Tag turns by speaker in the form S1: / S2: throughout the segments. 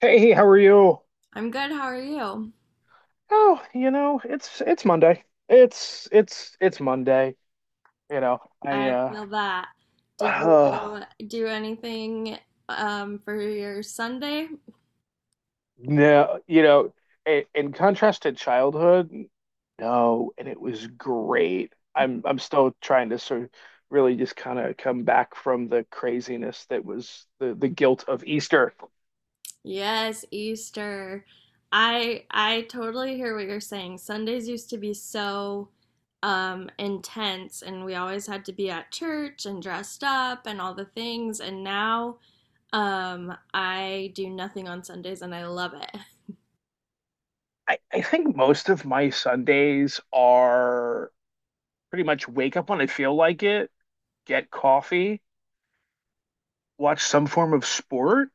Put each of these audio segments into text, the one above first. S1: Hey, how are you?
S2: I'm good. How are you?
S1: Oh, you know, it's Monday. It's Monday. You know, I
S2: I feel that. Did you
S1: uh
S2: do anything for your Sunday?
S1: no, you know, in contrast to childhood, no, and it was great. I'm still trying to sort of really just kind of come back from the craziness that was the guilt of Easter.
S2: Yes, Easter. I totally hear what you're saying. Sundays used to be so intense, and we always had to be at church and dressed up and all the things. And now I do nothing on Sundays, and I love it.
S1: I think most of my Sundays are pretty much wake up when I feel like it, get coffee, watch some form of sport,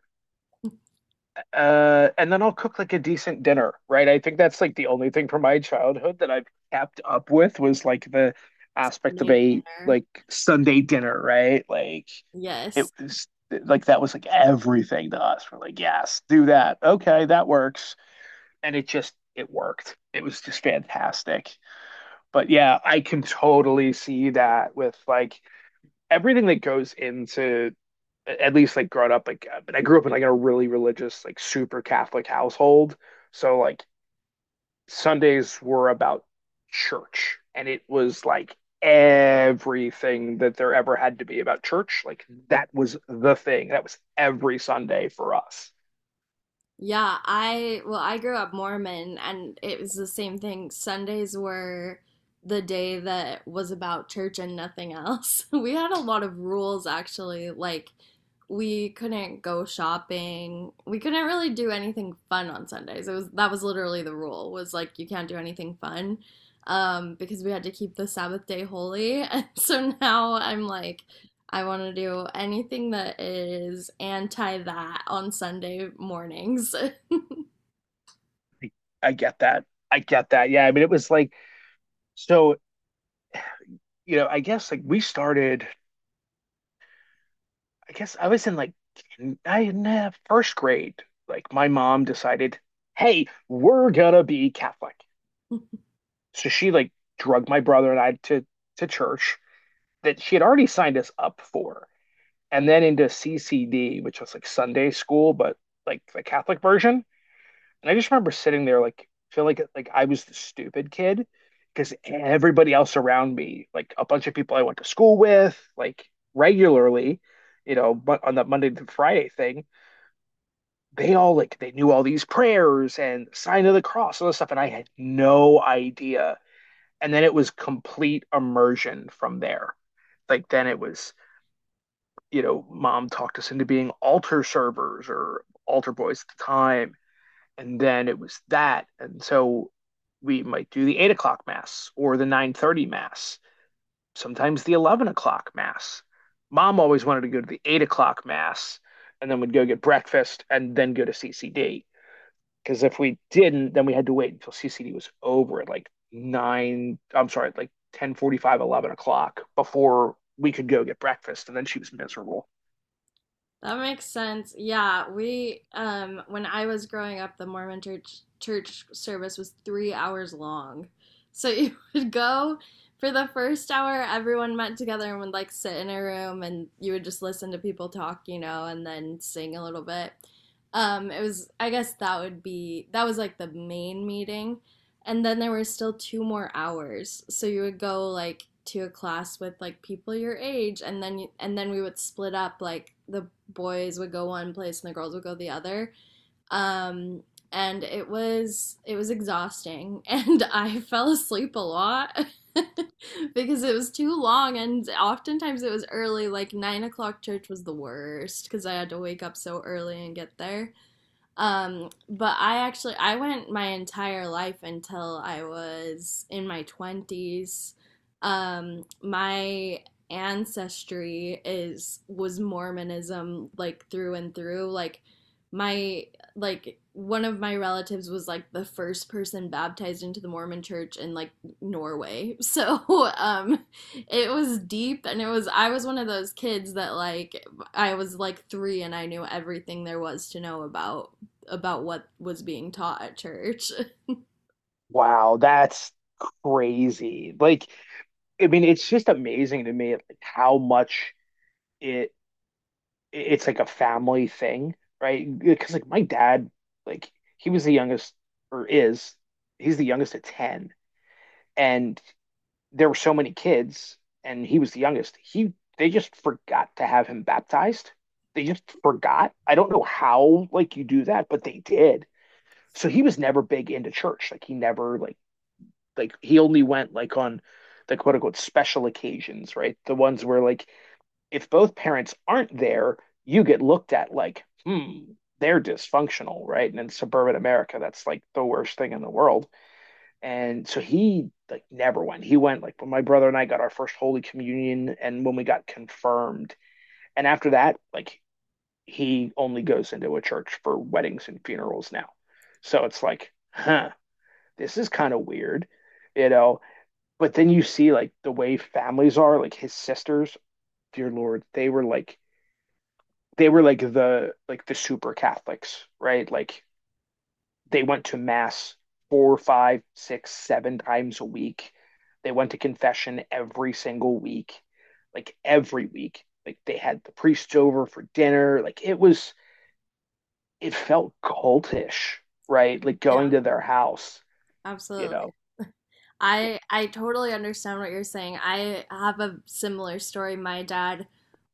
S1: and then I'll cook like a decent dinner, right? I think that's like the only thing from my childhood that I've kept up with was like the aspect of
S2: Made
S1: a
S2: dinner.
S1: like Sunday dinner, right? Like it
S2: Yes.
S1: was like that was like everything to us. We're like, yes, do that. Okay, that works. And it just it worked. It was just fantastic. But yeah, I can totally see that with like everything that goes into at least like growing up like but I grew up in like a really religious like super Catholic household, so like Sundays were about church, and it was like everything that there ever had to be about church. Like that was the thing. That was every Sunday for us.
S2: Yeah, I grew up Mormon and it was the same thing. Sundays were the day that was about church and nothing else. We had a lot of rules actually, like we couldn't go shopping. We couldn't really do anything fun on Sundays. It was that was literally the rule was like you can't do anything fun because we had to keep the Sabbath day holy. And so now I'm like I want to do anything that is anti that on Sunday mornings. That
S1: I get that. I get that. Yeah, I mean, it was like so. You know, I guess like we started. I guess I was in like I in first grade. Like my mom decided, hey, we're gonna be Catholic. So she like drugged my brother and I to church that she had already signed us up for, and then into CCD, which was like Sunday school, but like the Catholic version. And I just remember sitting there like feel like I was the stupid kid because everybody else around me, like a bunch of people I went to school with, like regularly, you know, but on the Monday to Friday thing, they all like they knew all these prayers and sign of the cross, all this stuff, and I had no idea. And then it was complete immersion from there. Like then it was, you know, mom talked us into being altar servers or altar boys at the time, and then it was that, and so we might do the 8 o'clock mass or the 9:30 mass, sometimes the 11 o'clock mass. Mom always wanted to go to the 8 o'clock mass, and then we'd go get breakfast and then go to CCD. Because if we didn't, then we had to wait until CCD was over at like nine. I'm sorry, like 10:45, 11 o'clock before we could go get breakfast. And then she was miserable.
S2: makes sense. Yeah, we when I was growing up, the Mormon church service was 3 hours long. So you would go for the first hour. Everyone met together and would like sit in a room, and you would just listen to people talk, you know, and then sing a little bit. It was, I guess that would be, that was like the main meeting, and then there were still two more hours. So you would go like to a class with like people your age, and then we would split up. Like the boys would go one place and the girls would go the other. Um, and it was exhausting, and I fell asleep a lot. Because it was too long and oftentimes it was early. Like 9 o'clock church was the worst because I had to wake up so early and get there, but I actually I went my entire life until I was in my 20s. My ancestry is was Mormonism, like through and through. Like my like one of my relatives was like the first person baptized into the Mormon church in like Norway. So it was deep, and it was I was one of those kids that like I was like 3 and I knew everything there was to know about what was being taught at church.
S1: Wow, that's crazy. Like I mean, it's just amazing to me like how much it it's like a family thing, right? Because like my dad, like he was the youngest or is he's the youngest of 10, and there were so many kids, and he was the youngest. He they just forgot to have him baptized. They just forgot. I don't know how like you do that, but they did. So he was never big into church. Like he never like he only went like on the quote unquote special occasions, right? The ones where like if both parents aren't there, you get looked at like, hmm, they're dysfunctional, right? And in suburban America, that's like the worst thing in the world. And so he like never went. He went like when my brother and I got our first Holy Communion and when we got confirmed. And after that, like he only goes into a church for weddings and funerals now. So it's like, huh, this is kind of weird, you know? But then you see like the way families are, like his sisters, dear Lord, they were like the super Catholics, right? Like they went to mass four, five, six, seven times a week. They went to confession every single week, like every week. Like they had the priests over for dinner. Like it was, it felt cultish, right? Like
S2: Yeah,
S1: going to their house, you
S2: absolutely.
S1: know.
S2: I totally understand what you're saying. I have a similar story. My dad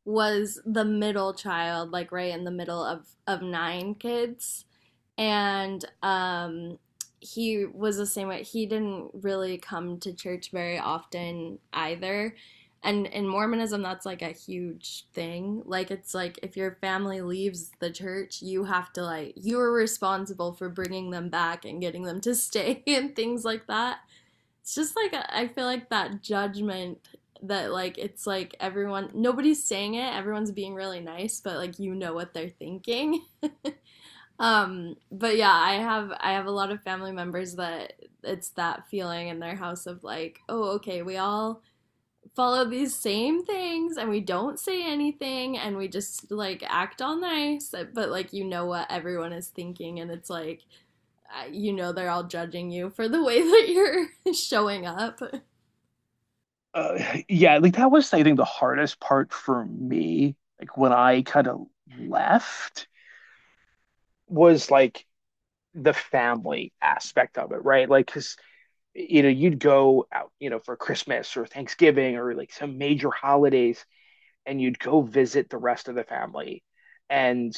S2: was the middle child, like right in the middle of nine kids. And he was the same way. He didn't really come to church very often either. And in Mormonism, that's like a huge thing. Like, it's like if your family leaves the church, you have to, like, you're responsible for bringing them back and getting them to stay and things like that. It's just like, I feel like that judgment that, like, it's like everyone, nobody's saying it, everyone's being really nice, but, like, you know what they're thinking. But yeah, I have a lot of family members that it's that feeling in their house of like, oh, okay, we all follow these same things and we don't say anything and we just like act all nice, but like you know what everyone is thinking, and it's like you know, they're all judging you for the way that you're showing up.
S1: Uh, yeah, like that was, I think, the hardest part for me. Like when I kind of left was like the family aspect of it, right? Like, because you know, you'd go out, you know, for Christmas or Thanksgiving or like some major holidays, and you'd go visit the rest of the family. And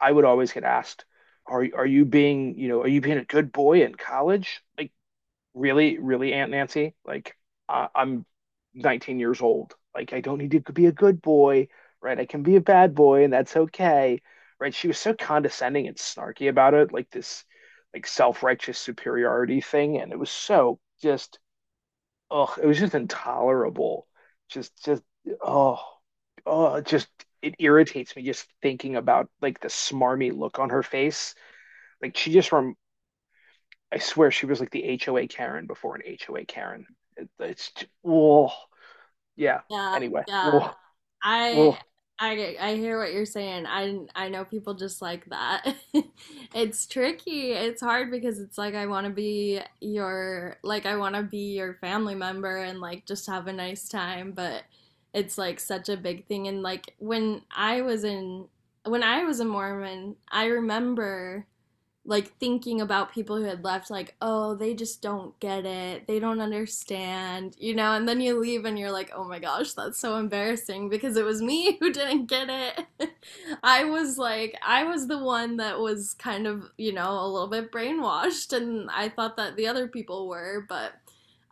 S1: I would always get asked, "Are you being, you know, are you being a good boy in college?" Like, really, really, Aunt Nancy? Like, I'm 19 years old. Like, I don't need to be a good boy, right? I can be a bad boy, and that's okay, right? She was so condescending and snarky about it, like this, like self-righteous superiority thing, and it was so just oh, it was just intolerable. Just, oh, oh, just, it irritates me just thinking about like the smarmy look on her face. Like she just from, I swear she was like the HOA Karen before an HOA Karen. Oh, yeah.
S2: Yeah,
S1: Anyway,
S2: yeah. I
S1: oh,
S2: I hear what you're saying. I know people just like that. It's tricky. It's hard because it's like I want to be your like I want to be your family member and like just have a nice time, but it's like such a big thing. And like when I was a Mormon, I remember like thinking about people who had left, like, oh, they just don't get it, they don't understand, you know. And then you leave and you're like, oh my gosh, that's so embarrassing, because it was me who didn't get it. I was like, I was the one that was kind of, you know, a little bit brainwashed, and I thought that the other people were. But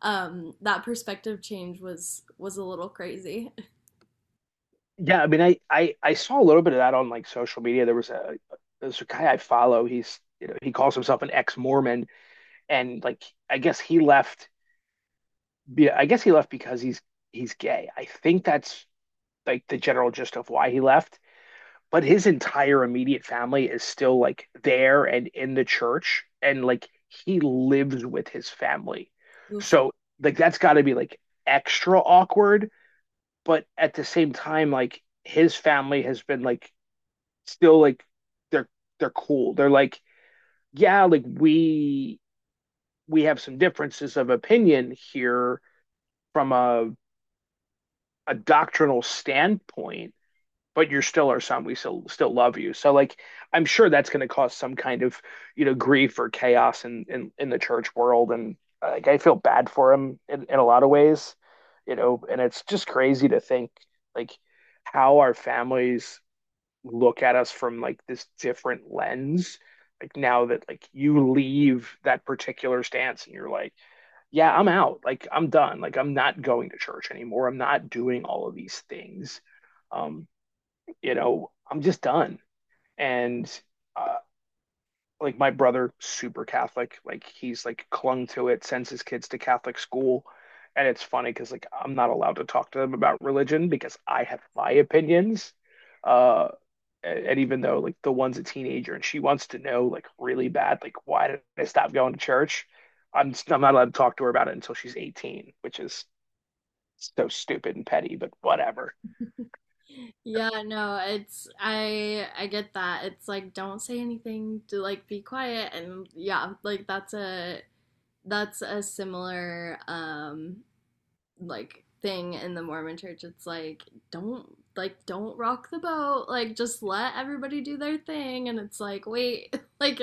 S2: that perspective change was a little crazy.
S1: yeah. I mean, I saw a little bit of that on like social media. There's a guy I follow. He's, you know, he calls himself an ex-Mormon, and like, I guess he left yeah, I guess he left because he's gay. I think that's like the general gist of why he left. But his entire immediate family is still like there and in the church, and like he lives with his family.
S2: Oof.
S1: So like that's got to be like extra awkward. But at the same time, like his family has been like still like they're they're cool. They're like yeah, like we have some differences of opinion here from a doctrinal standpoint, but you're still our son. We still love you. So like I'm sure that's going to cause some kind of you know grief or chaos in the church world, and like I feel bad for him in a lot of ways, you know. And it's just crazy to think like how our families look at us from like this different lens. Like now that like you leave that particular stance and you're like yeah, I'm out. Like I'm done. Like I'm not going to church anymore. I'm not doing all of these things. Um, you know, I'm just done. And uh, like my brother, super Catholic. Like he's like clung to it, sends his kids to Catholic school. And it's funny because like I'm not allowed to talk to them about religion because I have my opinions. Uh, and even though like the one's a teenager and she wants to know like really bad like why did I stop going to church? I'm not allowed to talk to her about it until she's 18, which is so stupid and petty, but whatever.
S2: Yeah, no, it's I get that. It's like don't say anything to like be quiet, and yeah, like that's a similar like thing in the Mormon church. It's like don't don't rock the boat. Like just let everybody do their thing, and it's like wait, like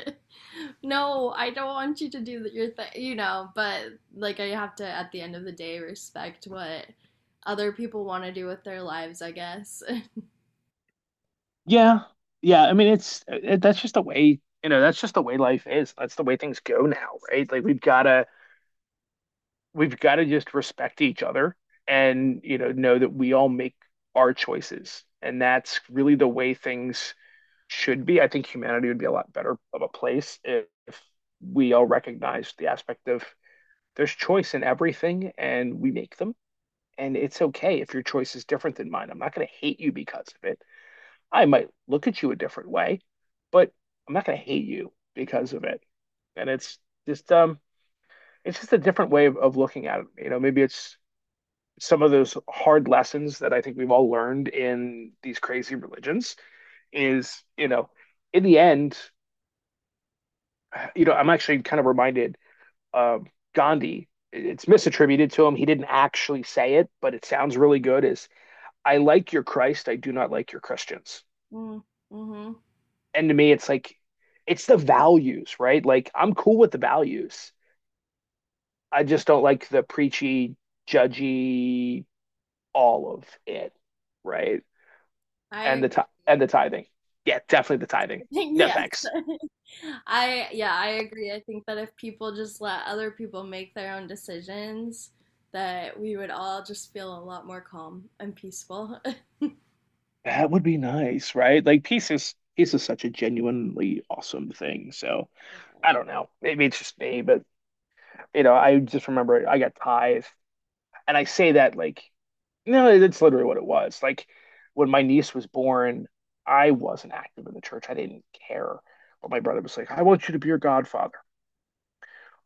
S2: no, I don't want you to do your thing, you know, but like I have to at the end of the day respect what other people want to do with their lives, I guess.
S1: Yeah. Yeah. I mean, that's just the way. You know, that's just the way life is. That's the way things go now, right? Like we've gotta just respect each other and, you know that we all make our choices. And that's really the way things should be. I think humanity would be a lot better of a place if, we all recognized the aspect of there's choice in everything and we make them. And it's okay if your choice is different than mine. I'm not going to hate you because of it. I might look at you a different way, but I'm not going to hate you because of it. And just um, it's just a different way of looking at it. You know, maybe it's some of those hard lessons that I think we've all learned in these crazy religions is, you know, in the end, you know, I'm actually kind of reminded uh, Gandhi. It's misattributed to him. He didn't actually say it, but it sounds really good. Is I like your Christ, I do not like your Christians.
S2: Mm, mhm.
S1: And to me, it's like it's the values, right? Like I'm cool with the values. I just don't like the preachy, judgy, all of it, right?
S2: I
S1: And the tithing. Yeah, definitely the tithing.
S2: think
S1: No
S2: yes.
S1: thanks.
S2: I yeah, I agree. I think that if people just let other people make their own decisions, that we would all just feel a lot more calm and peaceful.
S1: That would be nice, right? Like peace is such a genuinely awesome thing. So I don't know. Maybe it's just me, but you know, I just remember I got ties, and I say that like, no, that's literally what it was. Like when my niece was born, I wasn't active in the church. I didn't care, but my brother was like, "I want you to be your godfather."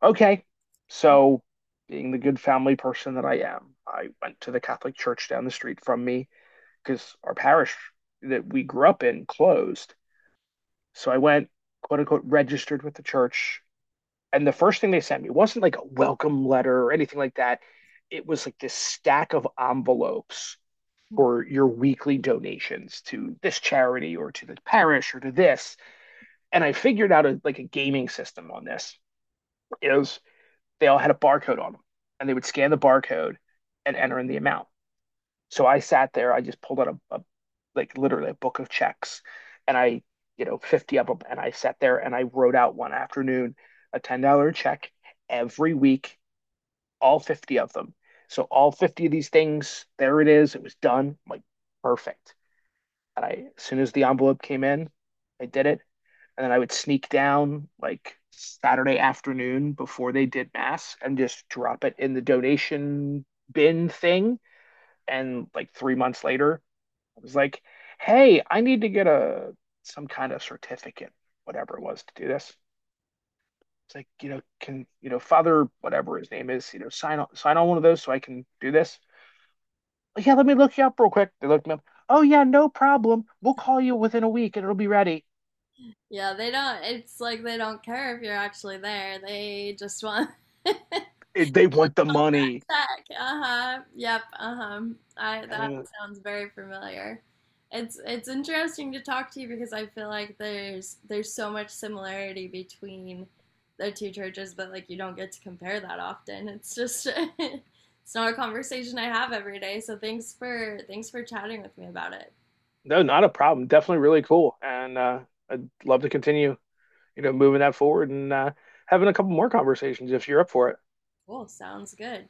S1: Okay, so being the good family person that I am, I went to the Catholic church down the street from me because our parish that we grew up in closed. So I went, quote unquote, registered with the church. And the first thing they sent me wasn't like a welcome letter or anything like that. It was like this stack of envelopes for your weekly donations to this charity or to the parish or to this. And I figured out like a gaming system on this is they all had a barcode on them, and they would scan the barcode and enter in the amount. So I sat there, I just pulled out a like literally a book of checks, and I, you know, 50 of them. And I sat there and I wrote out one afternoon a $10 check every week, all 50 of them. So all 50 of these things, there it is. It was done. I'm like, perfect. And I, as soon as the envelope came in, I did it. And then I would sneak down like Saturday afternoon before they did mass and just drop it in the donation bin thing. And like 3 months later, I was like, hey, I need to get a some kind of certificate, whatever it was, to do this. It's like, you know, can, you know, Father, whatever his name is, you know, sign on one of those so I can do this. Yeah, let me look you up real quick. They looked me up. Oh yeah, no problem. We'll call you within a week and it'll be ready.
S2: Yeah, they don't. It's like they don't care if you're actually there. They just want
S1: They want the money.
S2: check. Uh-huh. Yep. Uh-huh. I that
S1: And
S2: sounds very familiar. It's interesting to talk to you because I feel like there's so much similarity between the two churches, but like you don't get to compare that often. It's just it's not a conversation I have every day. So thanks for thanks for chatting with me about it.
S1: no, not a problem. Definitely really cool. And I'd love to continue, you know, moving that forward, and having a couple more conversations if you're up for it.
S2: Cool. Sounds good.